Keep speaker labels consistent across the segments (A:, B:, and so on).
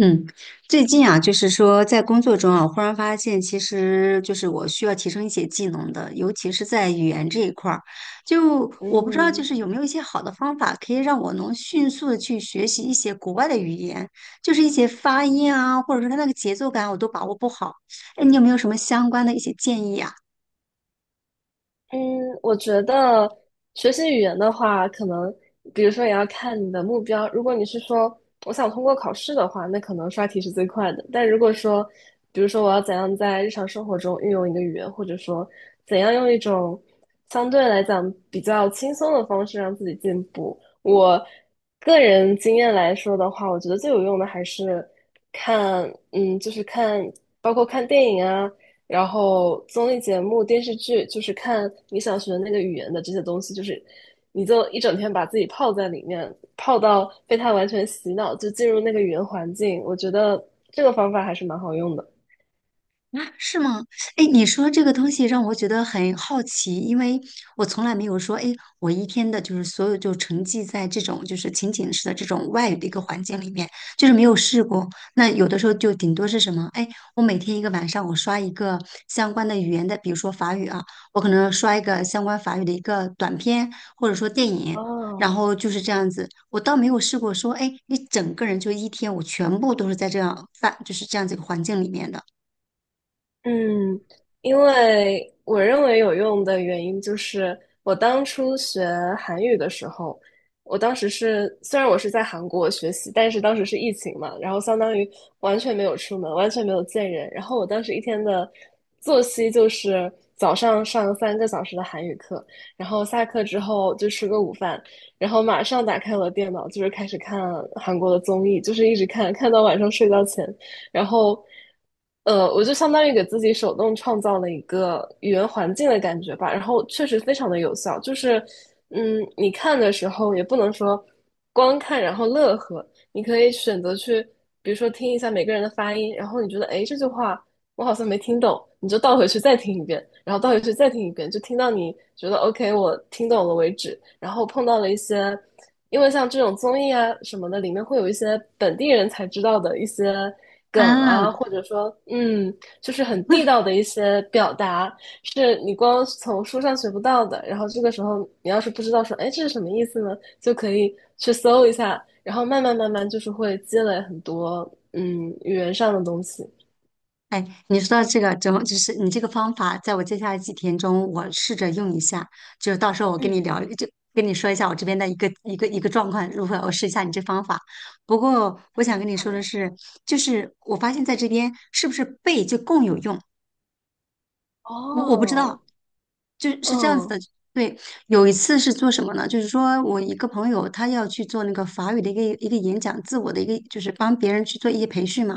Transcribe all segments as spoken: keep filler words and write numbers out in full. A: 嗯，最近啊，就是说在工作中啊，忽然发现，其实就是我需要提升一些技能的，尤其是在语言这一块儿。就我不知道，就
B: 嗯
A: 是有没有一些好的方法，可以让我能迅速的去学习一些国外的语言，就是一些发音啊，或者说它那个节奏感，我都把握不好。哎，你有没有什么相关的一些建议啊？
B: 嗯，我觉得学习语言的话，可能比如说也要看你的目标。如果你是说我想通过考试的话，那可能刷题是最快的。但如果说，比如说我要怎样在日常生活中运用一个语言，或者说怎样用一种相对来讲比较轻松的方式让自己进步，我个人经验来说的话，我觉得最有用的还是看，嗯，就是看，包括看电影啊。然后综艺节目、电视剧就是看你想学的那个语言的这些东西，就是你就一整天把自己泡在里面，泡到被它完全洗脑，就进入那个语言环境。我觉得这个方法还是蛮好用的。
A: 啊，是吗？哎，你说这个东西让我觉得很好奇，因为我从来没有说，哎，我一天的就是所有就沉浸在这种就是情景式的这种外语的一个环境里面，就是没有试过。那有的时候就顶多是什么？哎，我每天一个晚上我刷一个相关的语言的，比如说法语啊，我可能刷一个相关法语的一个短片，或者说电影。然
B: 哦，
A: 后就是这样子，我倒没有试过说，哎，你整个人就一天，我全部都是在这样范，就是这样子一个环境里面的。
B: 嗯，因为我认为有用的原因就是，我当初学韩语的时候，我当时是虽然我是在韩国学习，但是当时是疫情嘛，然后相当于完全没有出门，完全没有见人。然后我当时一天的作息就是早上上三个小时的韩语课，然后下课之后就吃个午饭，然后马上打开我的电脑，就是开始看韩国的综艺，就是一直看，看到晚上睡觉前。然后，呃，我就相当于给自己手动创造了一个语言环境的感觉吧，然后确实非常的有效，就是，嗯，你看的时候也不能说光看然后乐呵，你可以选择去，比如说听一下每个人的发音，然后你觉得，哎，这句话我好像没听懂，你就倒回去再听一遍，然后倒回去再听一遍，就听到你觉得 OK，我听懂了为止。然后碰到了一些，因为像这种综艺啊什么的，里面会有一些本地人才知道的一些梗
A: 啊，
B: 啊，或者说，嗯，就是很地道的一些表达，是你光从书上学不到的。然后这个时候，你要是不知道说，哎，这是什么意思呢，就可以去搜一下，然后慢慢慢慢就是会积累很多，嗯，语言上的东西。
A: 哎，你说到这个，怎么就是你这个方法，在我接下来几天中，我试着用一下。就是到时候我跟你
B: 嗯。
A: 聊，就跟你说一下我这边的一个一个一个状况如何，我试一下你这方法。不过我想
B: 嗯，
A: 跟你
B: 好
A: 说的
B: 呀。
A: 是，就是我发现在这边是不是背就更有用？我我不知
B: 哦，
A: 道，就是这样子
B: 嗯
A: 的。对，有一次是做什么呢？就是说我一个朋友他要去做那个法语的一个一个演讲，自我的一个就是帮别人去做一些培训嘛。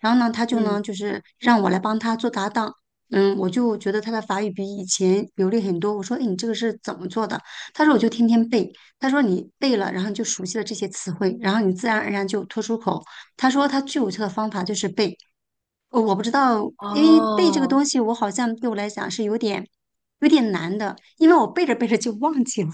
A: 然后呢，他就呢
B: 嗯，
A: 就是让我来帮他做搭档。嗯，我就觉得他的法语比以前流利很多。我说，哎，你这个是怎么做的？他说我就天天背。他说你背了，然后你就熟悉了这些词汇，然后你自然而然就脱出口。他说他最有效的方法就是背。呃我不知道，因为背这个
B: 哦，
A: 东西，我好像对我来讲是有点有点难的，因为我背着背着就忘记了。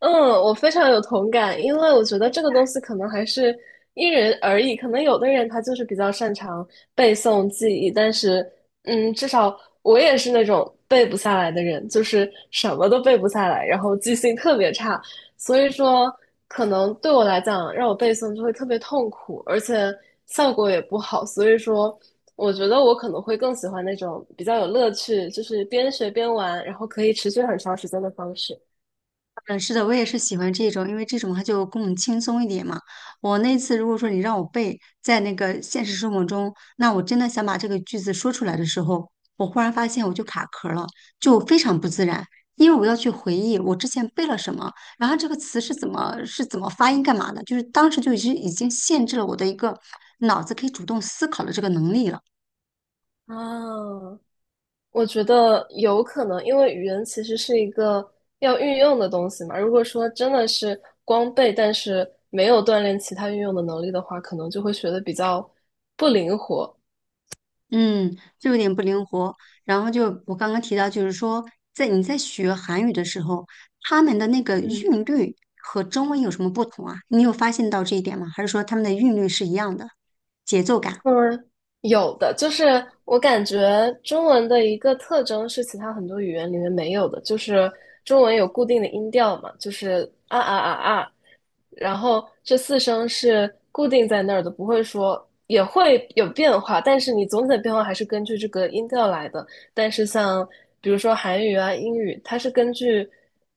B: 嗯，我非常有同感，因为我觉得这个东西可能还是因人而异，可能有的人他就是比较擅长背诵记忆，但是，嗯，至少我也是那种背不下来的人，就是什么都背不下来，然后记性特别差，所以说可能对我来讲，让我背诵就会特别痛苦，而且效果也不好，所以说。我觉得我可能会更喜欢那种比较有乐趣，就是边学边玩，然后可以持续很长时间的方式。
A: 嗯，是的，我也是喜欢这种，因为这种它就更轻松一点嘛。我那次如果说你让我背在那个现实生活中，那我真的想把这个句子说出来的时候，我忽然发现我就卡壳了，就非常不自然，因为我要去回忆我之前背了什么，然后这个词是怎么是怎么发音干嘛的，就是当时就已经已经限制了我的一个脑子可以主动思考的这个能力了。
B: 啊，我觉得有可能，因为语言其实是一个要运用的东西嘛。如果说真的是光背，但是没有锻炼其他运用的能力的话，可能就会学的比较不灵活。
A: 嗯，就有点不灵活。然后就我刚刚提到，就是说，在你在学韩语的时候，他们的那个
B: 嗯
A: 韵律和中文有什么不同啊？你有发现到这一点吗？还是说他们的韵律是一样的，节奏感？
B: 嗯，有的，就是我感觉中文的一个特征是其他很多语言里面没有的，就是中文有固定的音调嘛，就是啊啊啊啊，然后这四声是固定在那儿的，不会说也会有变化，但是你总体的变化还是根据这个音调来的。但是像比如说韩语啊、英语，它是根据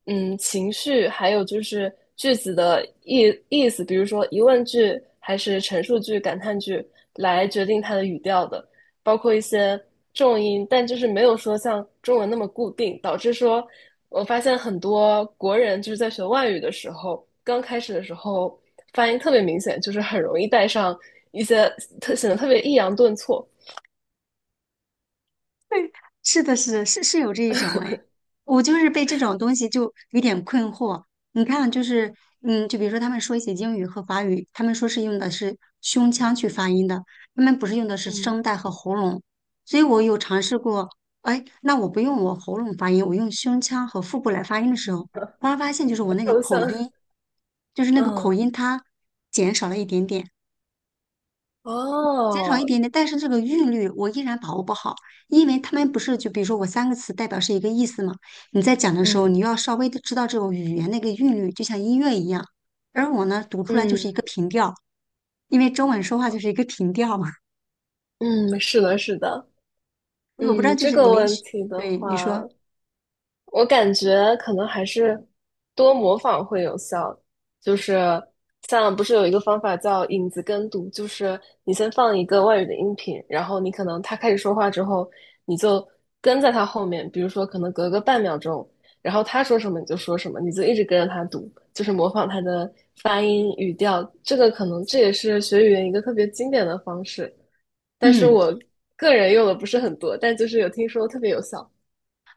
B: 嗯情绪，还有就是句子的意意思，比如说疑问句还是陈述句、感叹句来决定它的语调的，包括一些重音，但就是没有说像中文那么固定，导致说我发现很多国人就是在学外语的时候，刚开始的时候发音特别明显，就是很容易带上一些特显得特别抑扬顿挫，
A: 是的，是的，是是有这一种哎，我就是被这种东西就有点困惑。你看，就是嗯，就比如说他们说一些英语和法语，他们说是用的是胸腔去发音的，他们不是用的是
B: 嗯，
A: 声带和喉咙。所以我有尝试过，哎，那我不用我喉咙发音，我用胸腔和腹部来发音的时候，忽然发现就是我那个
B: 抽
A: 口
B: 象，
A: 音，就是那个口
B: 嗯。
A: 音它减少了一点点。减少一
B: 哦，
A: 点点，但是这个韵律我依然把握不好，因为他们不是就比如说我三个词代表是一个意思嘛，你在讲的时候，
B: 嗯
A: 你要稍微的知道这种语言那个韵律，就像音乐一样。而我呢，读出来就是一个
B: 嗯
A: 平调，因为中文说话就是一个平调嘛。
B: 嗯，是的，是的，
A: 我不知道，
B: 嗯，
A: 就
B: 这
A: 是你
B: 个
A: 们
B: 问题的
A: 对
B: 话，
A: 你说，
B: 我感觉可能还是多模仿会有效，就是像不是有一个方法叫影子跟读，就是你先放一个外语的音频，然后你可能他开始说话之后，你就跟在他后面，比如说可能隔个半秒钟，然后他说什么你就说什么，你就一直跟着他读，就是模仿他的发音、语调，这个可能这也是学语言一个特别经典的方式，但是
A: 嗯。
B: 我个人用的不是很多，但就是有听说特别有效，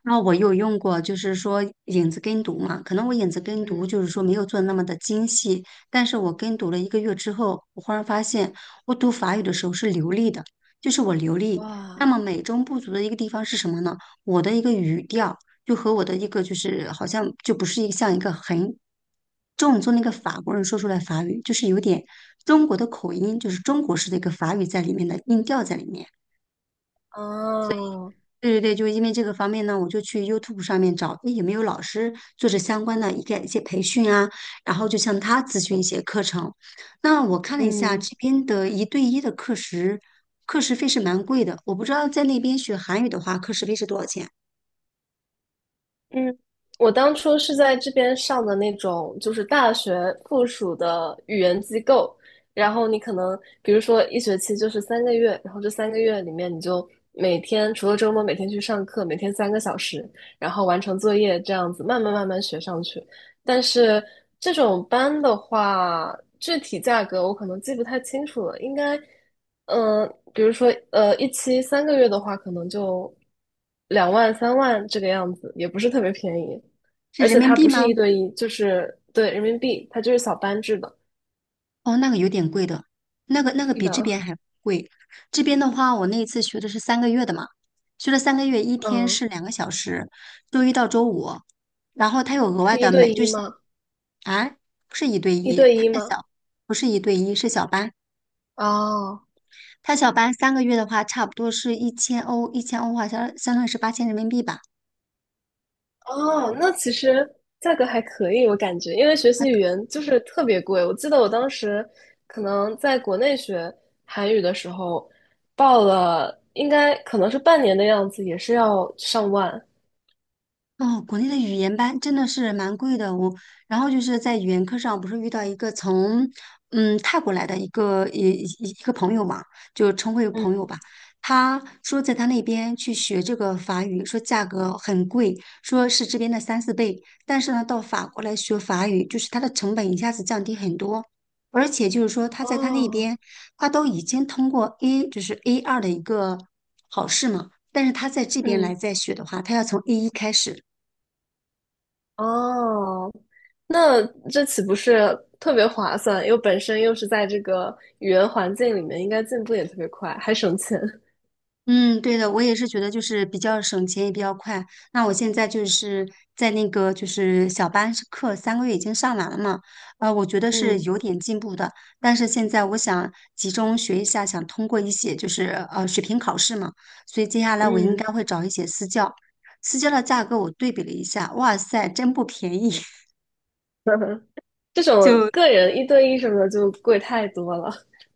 A: 那我有用过，就是说影子跟读嘛，可能我影子跟读
B: 嗯，
A: 就是说没有做那么的精细，但是我跟读了一个月之后，我忽然发现我读法语的时候是流利的，就是我流利。那
B: 哇。
A: 么美中不足的一个地方是什么呢？我的一个语调就和我的一个就是好像就不是一个像一个很正宗的一个法国人说出来法语，就是有点中国的口音，就是中国式的一个法语在里面的音调在里面。
B: 哦，
A: 对对对，就是因为这个方面呢，我就去 YouTube 上面找，诶有没有老师做这相关的一个一些培训啊，然后就向他咨询一些课程。那我看了一下这
B: 嗯
A: 边的一对一的课时，课时费是蛮贵的，我不知道在那边学韩语的话，课时费是多少钱？
B: 嗯，我当初是在这边上的那种，就是大学附属的语言机构，然后你可能比如说一学期就是三个月，然后这三个月里面你就每天除了周末每天去上课，每天三个小时，然后完成作业这样子，慢慢慢慢学上去。但是这种班的话，具体价格我可能记不太清楚了，应该，嗯、比如说，呃，一期三个月的话，可能就两万三万这个样子，也不是特别便宜，
A: 是
B: 而
A: 人
B: 且
A: 民
B: 它
A: 币
B: 不是一
A: 吗？
B: 对一，就是对人民币，它就是小班制的。
A: 哦，那个有点贵的，那个那个
B: 是
A: 比这边
B: 的，
A: 还贵。这边的话，我那一次学的是三个月的嘛，学了三个月，一天是
B: 嗯，
A: 两个小时，周一到周五，然后他有额外
B: 是一
A: 的每
B: 对
A: 就
B: 一
A: 是
B: 吗？
A: 啊，不是一对
B: 一
A: 一，
B: 对
A: 他
B: 一
A: 是
B: 吗？
A: 小，不是一对一，是小班。
B: 哦，
A: 他小班三个月的话，差不多是一千欧，一千欧的话相相当于是八千人民币吧。
B: 哦，那其实价格还可以，我感觉，因为学习语言就是特别贵。我记得我当时可能在国内学韩语的时候，报了应该可能是半年的样子，也是要上万。
A: 哦，国内的语言班真的是蛮贵的。我，然后就是在语言课上，不是遇到一个从嗯泰国来的一个一一一个朋友嘛，就称为朋友
B: 嗯，
A: 吧。他说在他那边去学这个法语，说价格很贵，说是这边的三四倍。但是呢，到法国来学法语，就是他的成本一下子降低很多。而且就是说，他在他那
B: 哦，
A: 边，他都已经通过 A，就是 A 二的一个考试嘛。但是他在这边来
B: 嗯，
A: 再学的话，他要从 A 一开始。
B: 哦，那这岂不是特别划算？又本身又是在这个语言环境里面，应该进步也特别快，还省钱。
A: 嗯，对的，我也是觉得就是比较省钱也比较快。那我现在就是在那个就是小班是课三个月已经上完了嘛，呃，我觉得是
B: 嗯
A: 有点进步的。但是现在我想集中学一下，想通过一些就是呃水平考试嘛，所以接下来我应该
B: 嗯，
A: 会找一些私教。私教的价格我对比了一下，哇塞，真不便宜，
B: 这 种
A: 就。
B: 个人一对一什么的就贵太多了。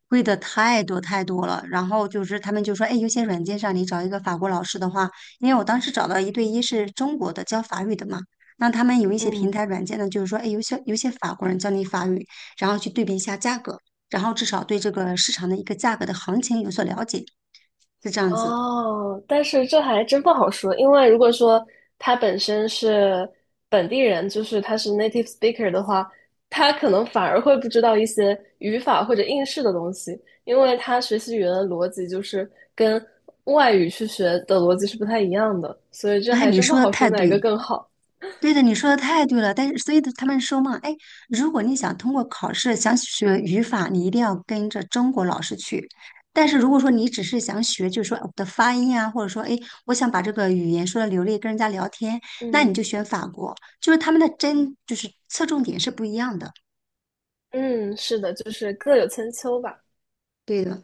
A: 贵的太多太多了，然后就是他们就说，哎，有些软件上你找一个法国老师的话，因为我当时找到一对一是中国的教法语的嘛，那他们有一些平
B: 嗯，
A: 台软件呢，就是说，哎，有些有些法国人教你法语，然后去对比一下价格，然后至少对这个市场的一个价格的行情有所了解，是这样子。
B: 哦，但是这还真不好说，因为如果说他本身是本地人，就是他是 native speaker 的话，他可能反而会不知道一些语法或者应试的东西，因为他学习语言的逻辑就是跟外语去学的逻辑是不太一样的，所以这
A: 哎，
B: 还
A: 你
B: 真不
A: 说的
B: 好
A: 太
B: 说哪
A: 对
B: 个
A: 了，
B: 更好。
A: 对的，你说的太对了。但是，所以他们说嘛，哎，如果你想通过考试想学语法，你一定要跟着中国老师去。但是如果说你只是想学，就是说我的发音啊，或者说哎，我想把这个语言说的流利，跟人家聊天，那你就
B: 嗯
A: 选法国，就是他们的针就是侧重点是不一样的。
B: 嗯，是的，就是各有千秋吧。
A: 对的。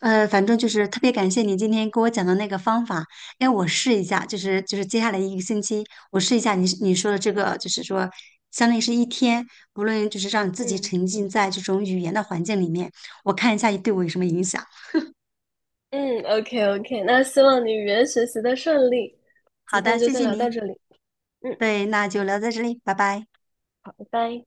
A: 呃，反正就是特别感谢你今天给我讲的那个方法，哎，我试一下，就是就是接下来一个星期，我试一下你你说的这个，就是说，相当于是一天，无论就是让你自己
B: 嗯
A: 沉浸在这种语言的环境里面，我看一下对我有什么影响。
B: 嗯，OK OK，那希望你语言学习的顺利，
A: 好
B: 今
A: 的，
B: 天就
A: 谢
B: 先
A: 谢
B: 聊
A: 你。
B: 到这里。嗯。
A: 对，那就聊到这里，拜拜。
B: 好拜拜。